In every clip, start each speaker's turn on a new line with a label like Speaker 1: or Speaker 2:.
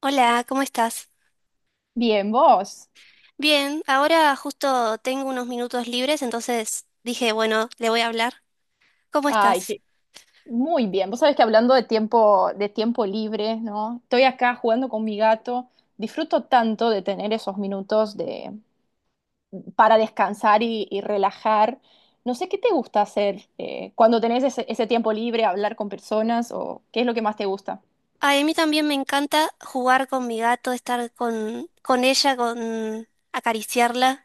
Speaker 1: Hola, ¿cómo estás?
Speaker 2: Bien, vos.
Speaker 1: Bien, ahora justo tengo unos minutos libres, entonces dije, bueno, le voy a hablar. ¿Cómo
Speaker 2: Ay,
Speaker 1: estás?
Speaker 2: muy bien. Vos sabés que hablando de tiempo libre, ¿no? Estoy acá jugando con mi gato. Disfruto tanto de tener esos minutos para descansar y relajar. No sé qué te gusta hacer cuando tenés ese tiempo libre, hablar con personas o qué es lo que más te gusta.
Speaker 1: Ay, a mí también me encanta jugar con mi gato, estar con ella, con acariciarla.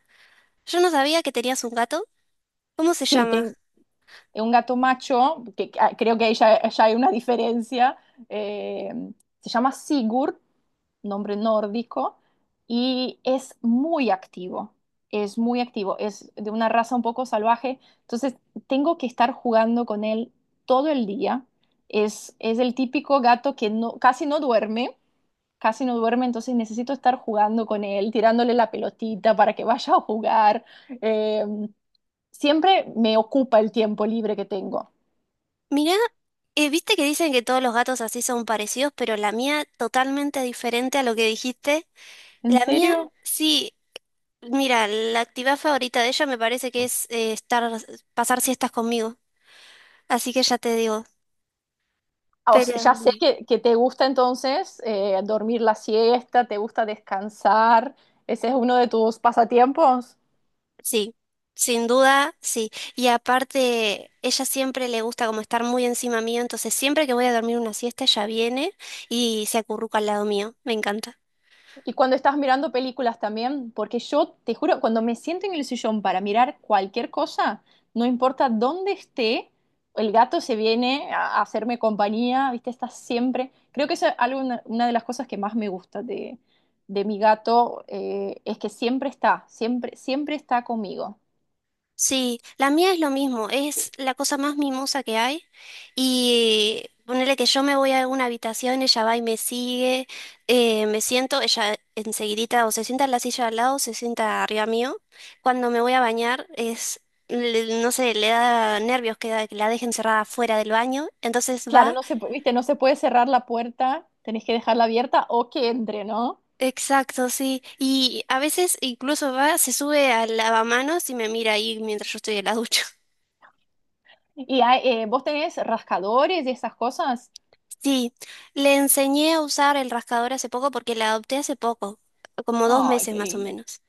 Speaker 1: Yo no sabía que tenías un gato. ¿Cómo se
Speaker 2: Sí,
Speaker 1: llama?
Speaker 2: tengo un gato macho, ah, creo que ahí ya hay una diferencia. eh, Se llama Sigur, nombre nórdico, y es muy activo, es muy activo, es de una raza un poco salvaje, entonces tengo que estar jugando con él todo el día. Es el típico gato que no, casi no duerme, entonces necesito estar jugando con él, tirándole la pelotita para que vaya a jugar. Eh, Siempre me ocupa el tiempo libre que tengo.
Speaker 1: Mirá, viste que dicen que todos los gatos así son parecidos, pero la mía totalmente diferente a lo que dijiste.
Speaker 2: ¿En
Speaker 1: La mía,
Speaker 2: serio?
Speaker 1: sí, mira, la actividad favorita de ella me parece que es estar, pasar siestas conmigo. Así que ya te digo,
Speaker 2: Ah, o sea,
Speaker 1: pero
Speaker 2: ya sé que te gusta entonces dormir la siesta, te gusta descansar, ese es uno de tus pasatiempos.
Speaker 1: sí, sin duda, sí. Y aparte, ella siempre le gusta como estar muy encima mío, entonces siempre que voy a dormir una siesta, ella viene y se acurruca al lado mío. Me encanta.
Speaker 2: Y cuando estás mirando películas también, porque yo te juro, cuando me siento en el sillón para mirar cualquier cosa, no importa dónde esté, el gato se viene a hacerme compañía, ¿viste? Está siempre. Creo que eso es algo, una de las cosas que más me gusta de mi gato. Es que siempre está, siempre, siempre está conmigo.
Speaker 1: Sí, la mía es lo mismo, es la cosa más mimosa que hay. Y ponerle que yo me voy a una habitación, ella va y me sigue, me siento, ella enseguidita o se sienta en la silla al lado o se sienta arriba mío. Cuando me voy a bañar, es, no sé, le da nervios que, que la dejen cerrada fuera del baño, entonces
Speaker 2: Claro,
Speaker 1: va.
Speaker 2: viste, no se puede cerrar la puerta, tenés que dejarla abierta o que entre, ¿no?
Speaker 1: Exacto, sí. Y a veces incluso va, se sube al lavamanos y me mira ahí mientras yo estoy en la ducha.
Speaker 2: Y hay, vos tenés rascadores y esas cosas.
Speaker 1: Sí, le enseñé a usar el rascador hace poco porque la adopté hace poco, como dos
Speaker 2: Ay,
Speaker 1: meses
Speaker 2: qué
Speaker 1: más o
Speaker 2: lindo.
Speaker 1: menos.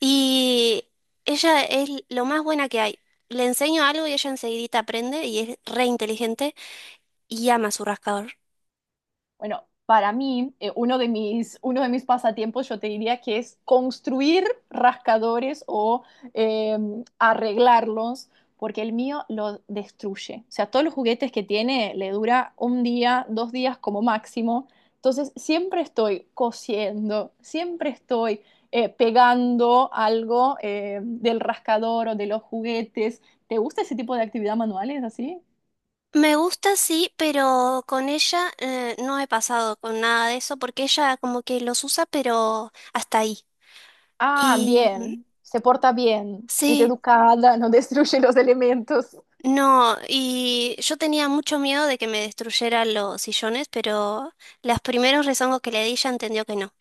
Speaker 1: Y ella es lo más buena que hay. Le enseño algo y ella enseguidita aprende y es re inteligente y ama su rascador.
Speaker 2: Bueno, para mí, uno de mis pasatiempos, yo te diría que es construir rascadores o eh, arreglarlos, porque el mío lo destruye. O sea, todos los juguetes que tiene le dura un día, dos días como máximo. Entonces, siempre estoy cosiendo, siempre estoy pegando algo del rascador o de los juguetes. ¿Te gusta ese tipo de actividad manuales así?
Speaker 1: Me gusta, sí, pero con ella no he pasado con nada de eso porque ella como que los usa, pero hasta ahí.
Speaker 2: Ah,
Speaker 1: Y
Speaker 2: bien, se porta bien, es
Speaker 1: sí.
Speaker 2: educada, no destruye los elementos.
Speaker 1: No, y yo tenía mucho miedo de que me destruyeran los sillones, pero los primeros rezongos que le di ya entendió que no.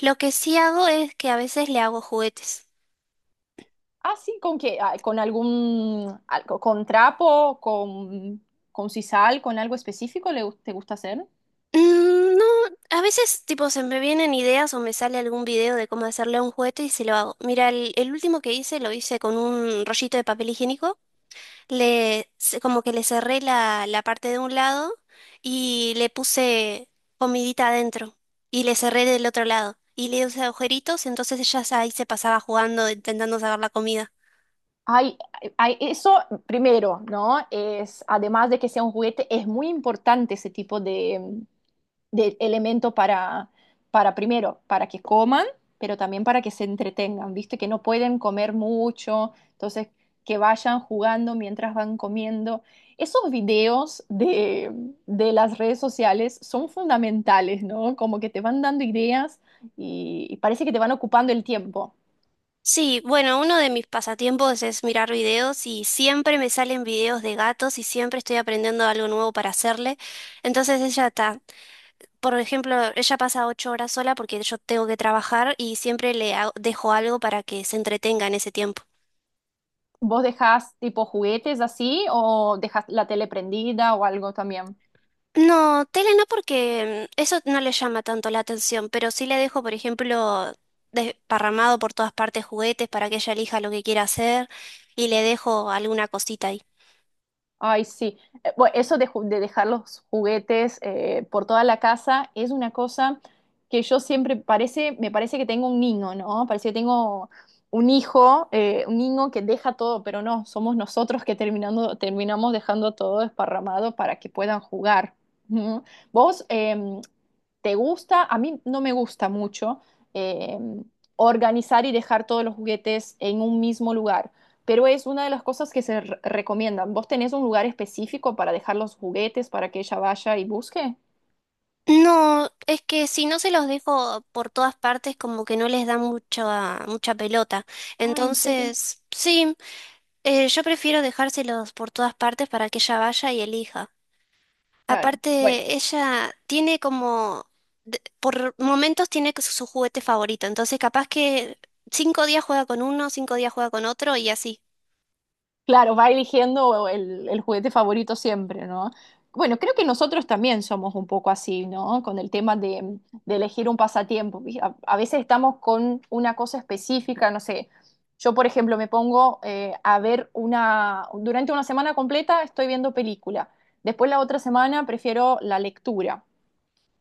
Speaker 1: Lo que sí hago es que a veces le hago juguetes.
Speaker 2: Ah, sí, ¿con qué? Ah, ¿con algún, con trapo, con sisal, con algo específico le, te gusta hacer?
Speaker 1: Mm, no, a veces tipo se me vienen ideas o me sale algún video de cómo hacerle un juguete y se lo hago. Mira, el último que hice lo hice con un rollito de papel higiénico como que le cerré la parte de un lado y le puse comidita adentro y le cerré del otro lado y le hice agujeritos, entonces ahí se pasaba jugando, intentando sacar la comida.
Speaker 2: Hay, eso primero, ¿no? Además de que sea un juguete, es muy importante ese tipo de elemento para, primero, para que coman, pero también para que se entretengan, ¿viste? Que no pueden comer mucho, entonces que vayan jugando mientras van comiendo. Esos videos de las redes sociales son fundamentales, ¿no? Como que te van dando ideas y parece que te van ocupando el tiempo.
Speaker 1: Sí, bueno, uno de mis pasatiempos es mirar videos y siempre me salen videos de gatos y siempre estoy aprendiendo algo nuevo para hacerle. Entonces ella está, por ejemplo, ella pasa 8 horas sola porque yo tengo que trabajar y siempre dejo algo para que se entretenga en ese tiempo.
Speaker 2: ¿Vos dejás tipo juguetes así o dejás la tele prendida o algo también?
Speaker 1: No, tele no porque eso no le llama tanto la atención, pero sí le dejo, por ejemplo, desparramado por todas partes juguetes para que ella elija lo que quiera hacer y le dejo alguna cosita ahí.
Speaker 2: Ay, sí. Bueno, eso de dejar los juguetes por toda la casa es una cosa que yo siempre parece, me parece que tengo un niño, ¿no? Parece que tengo un hijo, un niño que deja todo, pero no, somos nosotros que terminamos dejando todo desparramado para que puedan jugar. Ujú. ¿Vos te gusta? A mí no me gusta mucho em, organizar y dejar todos los juguetes en un mismo lugar, pero es una de las cosas que se recomiendan. ¿Vos tenés un lugar específico para dejar los juguetes para que ella vaya y busque?
Speaker 1: No, es que si no se los dejo por todas partes como que no les da mucha pelota.
Speaker 2: Ah, ¿en serio?
Speaker 1: Entonces, sí, yo prefiero dejárselos por todas partes para que ella vaya y elija.
Speaker 2: Claro. Bueno,
Speaker 1: Aparte, ella tiene como, por momentos tiene que su juguete favorito, entonces capaz que 5 días juega con uno, 5 días juega con otro y así.
Speaker 2: claro, va eligiendo el juguete favorito siempre, ¿no? Bueno, creo que nosotros también somos un poco así, ¿no? Con el tema de elegir un pasatiempo. ¿Viste? A veces estamos con una cosa específica, no sé. Yo, por ejemplo, me pongo durante una semana completa estoy viendo película. Después la otra semana prefiero la lectura.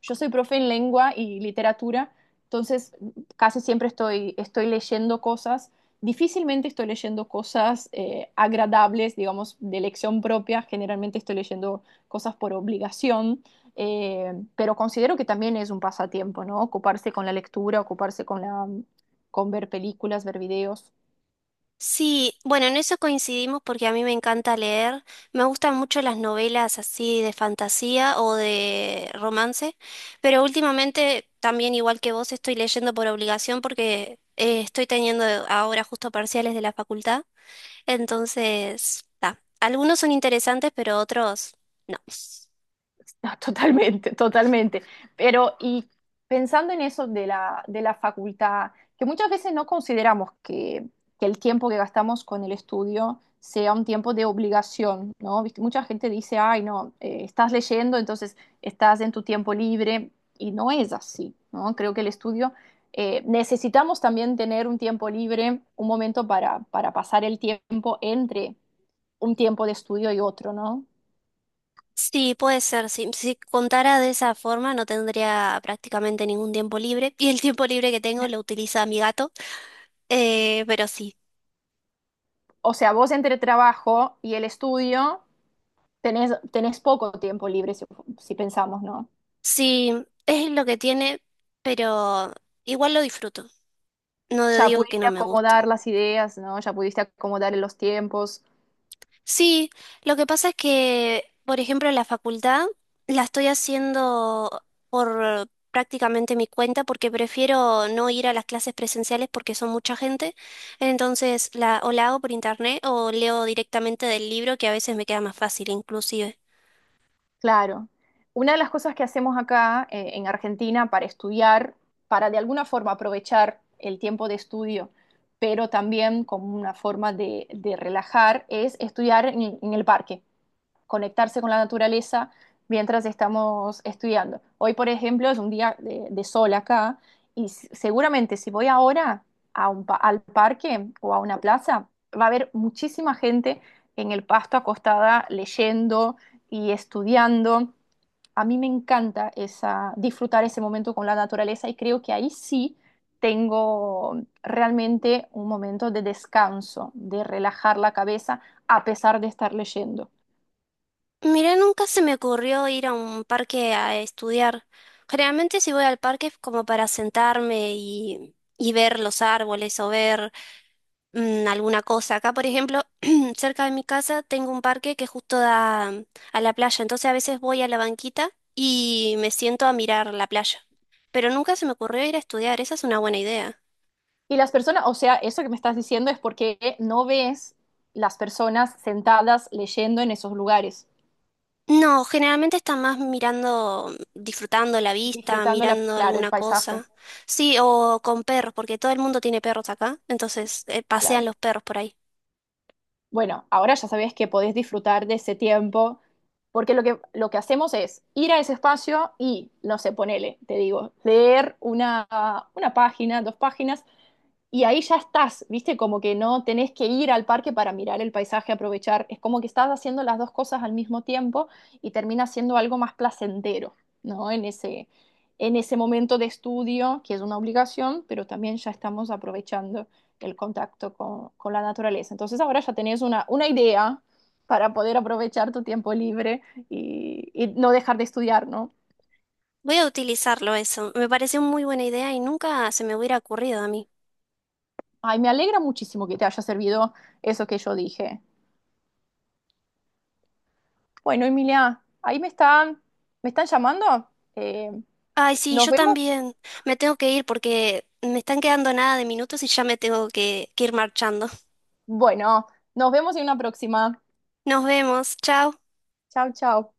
Speaker 2: Yo soy profe en lengua y literatura, entonces casi siempre estoy leyendo cosas. Difícilmente estoy leyendo cosas agradables, digamos, de elección propia. Generalmente estoy leyendo cosas por obligación, pero considero que también es un pasatiempo, ¿no? Ocuparse con la lectura, ocuparse con ver películas, ver videos.
Speaker 1: Sí, bueno, en eso coincidimos porque a mí me encanta leer, me gustan mucho las novelas así de fantasía o de romance, pero últimamente también igual que vos estoy leyendo por obligación porque estoy teniendo ahora justo parciales de la facultad. Entonces, ta, algunos son interesantes, pero otros no.
Speaker 2: No, totalmente, totalmente. Pero y pensando en eso de la facultad, que muchas veces no consideramos que el tiempo que gastamos con el estudio sea un tiempo de obligación, ¿no? Viste, mucha gente dice, ay, no, estás leyendo, entonces estás en tu tiempo libre, y no es así, ¿no? Creo que el estudio, necesitamos también tener un tiempo libre, un momento para pasar el tiempo entre un tiempo de estudio y otro, ¿no?
Speaker 1: Sí, puede ser. Si contara de esa forma, no tendría prácticamente ningún tiempo libre. Y el tiempo libre que tengo lo utiliza mi gato. Pero sí,
Speaker 2: O sea, vos entre el trabajo y el estudio tenés poco tiempo libre, si pensamos, ¿no?
Speaker 1: sí, es lo que tiene, pero igual lo disfruto. No
Speaker 2: Ya
Speaker 1: digo que
Speaker 2: pudiste
Speaker 1: no me gusta.
Speaker 2: acomodar las ideas, ¿no? Ya pudiste acomodar los tiempos.
Speaker 1: Sí, lo que pasa es que, por ejemplo, la facultad la estoy haciendo por prácticamente mi cuenta porque prefiero no ir a las clases presenciales porque son mucha gente. Entonces, la, o la hago por internet o leo directamente del libro que a veces me queda más fácil inclusive.
Speaker 2: Claro. Una de las cosas que hacemos acá en Argentina para estudiar, para de alguna forma aprovechar el tiempo de estudio, pero también como una forma de relajar, es estudiar en el parque. Conectarse con la naturaleza mientras estamos estudiando. Hoy, por ejemplo, es un día de sol acá, y seguramente si voy ahora al parque o a una plaza, va a haber muchísima gente en el pasto acostada leyendo y estudiando. A mí me encanta esa, disfrutar ese momento con la naturaleza, y creo que ahí sí tengo realmente un momento de descanso, de relajar la cabeza a pesar de estar leyendo.
Speaker 1: Mira, nunca se me ocurrió ir a un parque a estudiar. Generalmente si voy al parque es como para sentarme y ver los árboles o ver alguna cosa. Acá, por ejemplo, cerca de mi casa tengo un parque que justo da a la playa, entonces a veces voy a la banquita y me siento a mirar la playa. Pero nunca se me ocurrió ir a estudiar, esa es una buena idea.
Speaker 2: Y las personas, o sea, eso que me estás diciendo es porque no ves las personas sentadas leyendo en esos lugares,
Speaker 1: No, generalmente está más disfrutando la vista,
Speaker 2: disfrutando,
Speaker 1: mirando
Speaker 2: claro, el
Speaker 1: alguna
Speaker 2: paisaje.
Speaker 1: cosa. Sí, o con perros, porque todo el mundo tiene perros acá, entonces
Speaker 2: Claro.
Speaker 1: pasean los perros por ahí.
Speaker 2: Bueno, ahora ya sabes que podés disfrutar de ese tiempo, porque lo que hacemos es ir a ese espacio y, no sé, ponele, te digo, leer una página, dos páginas, y ahí ya estás, ¿viste? Como que no tenés que ir al parque para mirar el paisaje, aprovechar. Es como que estás haciendo las dos cosas al mismo tiempo, y termina siendo algo más placentero, ¿no? En ese momento de estudio, que es una obligación, pero también ya estamos aprovechando el contacto con la naturaleza. Entonces ahora ya tenés una idea para poder aprovechar tu tiempo libre y no dejar de estudiar, ¿no?
Speaker 1: Voy a utilizarlo eso. Me pareció muy buena idea y nunca se me hubiera ocurrido a mí.
Speaker 2: Ay, me alegra muchísimo que te haya servido eso que yo dije. Bueno, Emilia, ahí me están llamando. Eh,
Speaker 1: Ay, sí,
Speaker 2: Nos
Speaker 1: yo
Speaker 2: vemos.
Speaker 1: también. Me tengo que ir porque me están quedando nada de minutos y ya me tengo que ir marchando.
Speaker 2: Bueno, nos vemos en una próxima.
Speaker 1: Nos vemos. Chao.
Speaker 2: Chao, chao.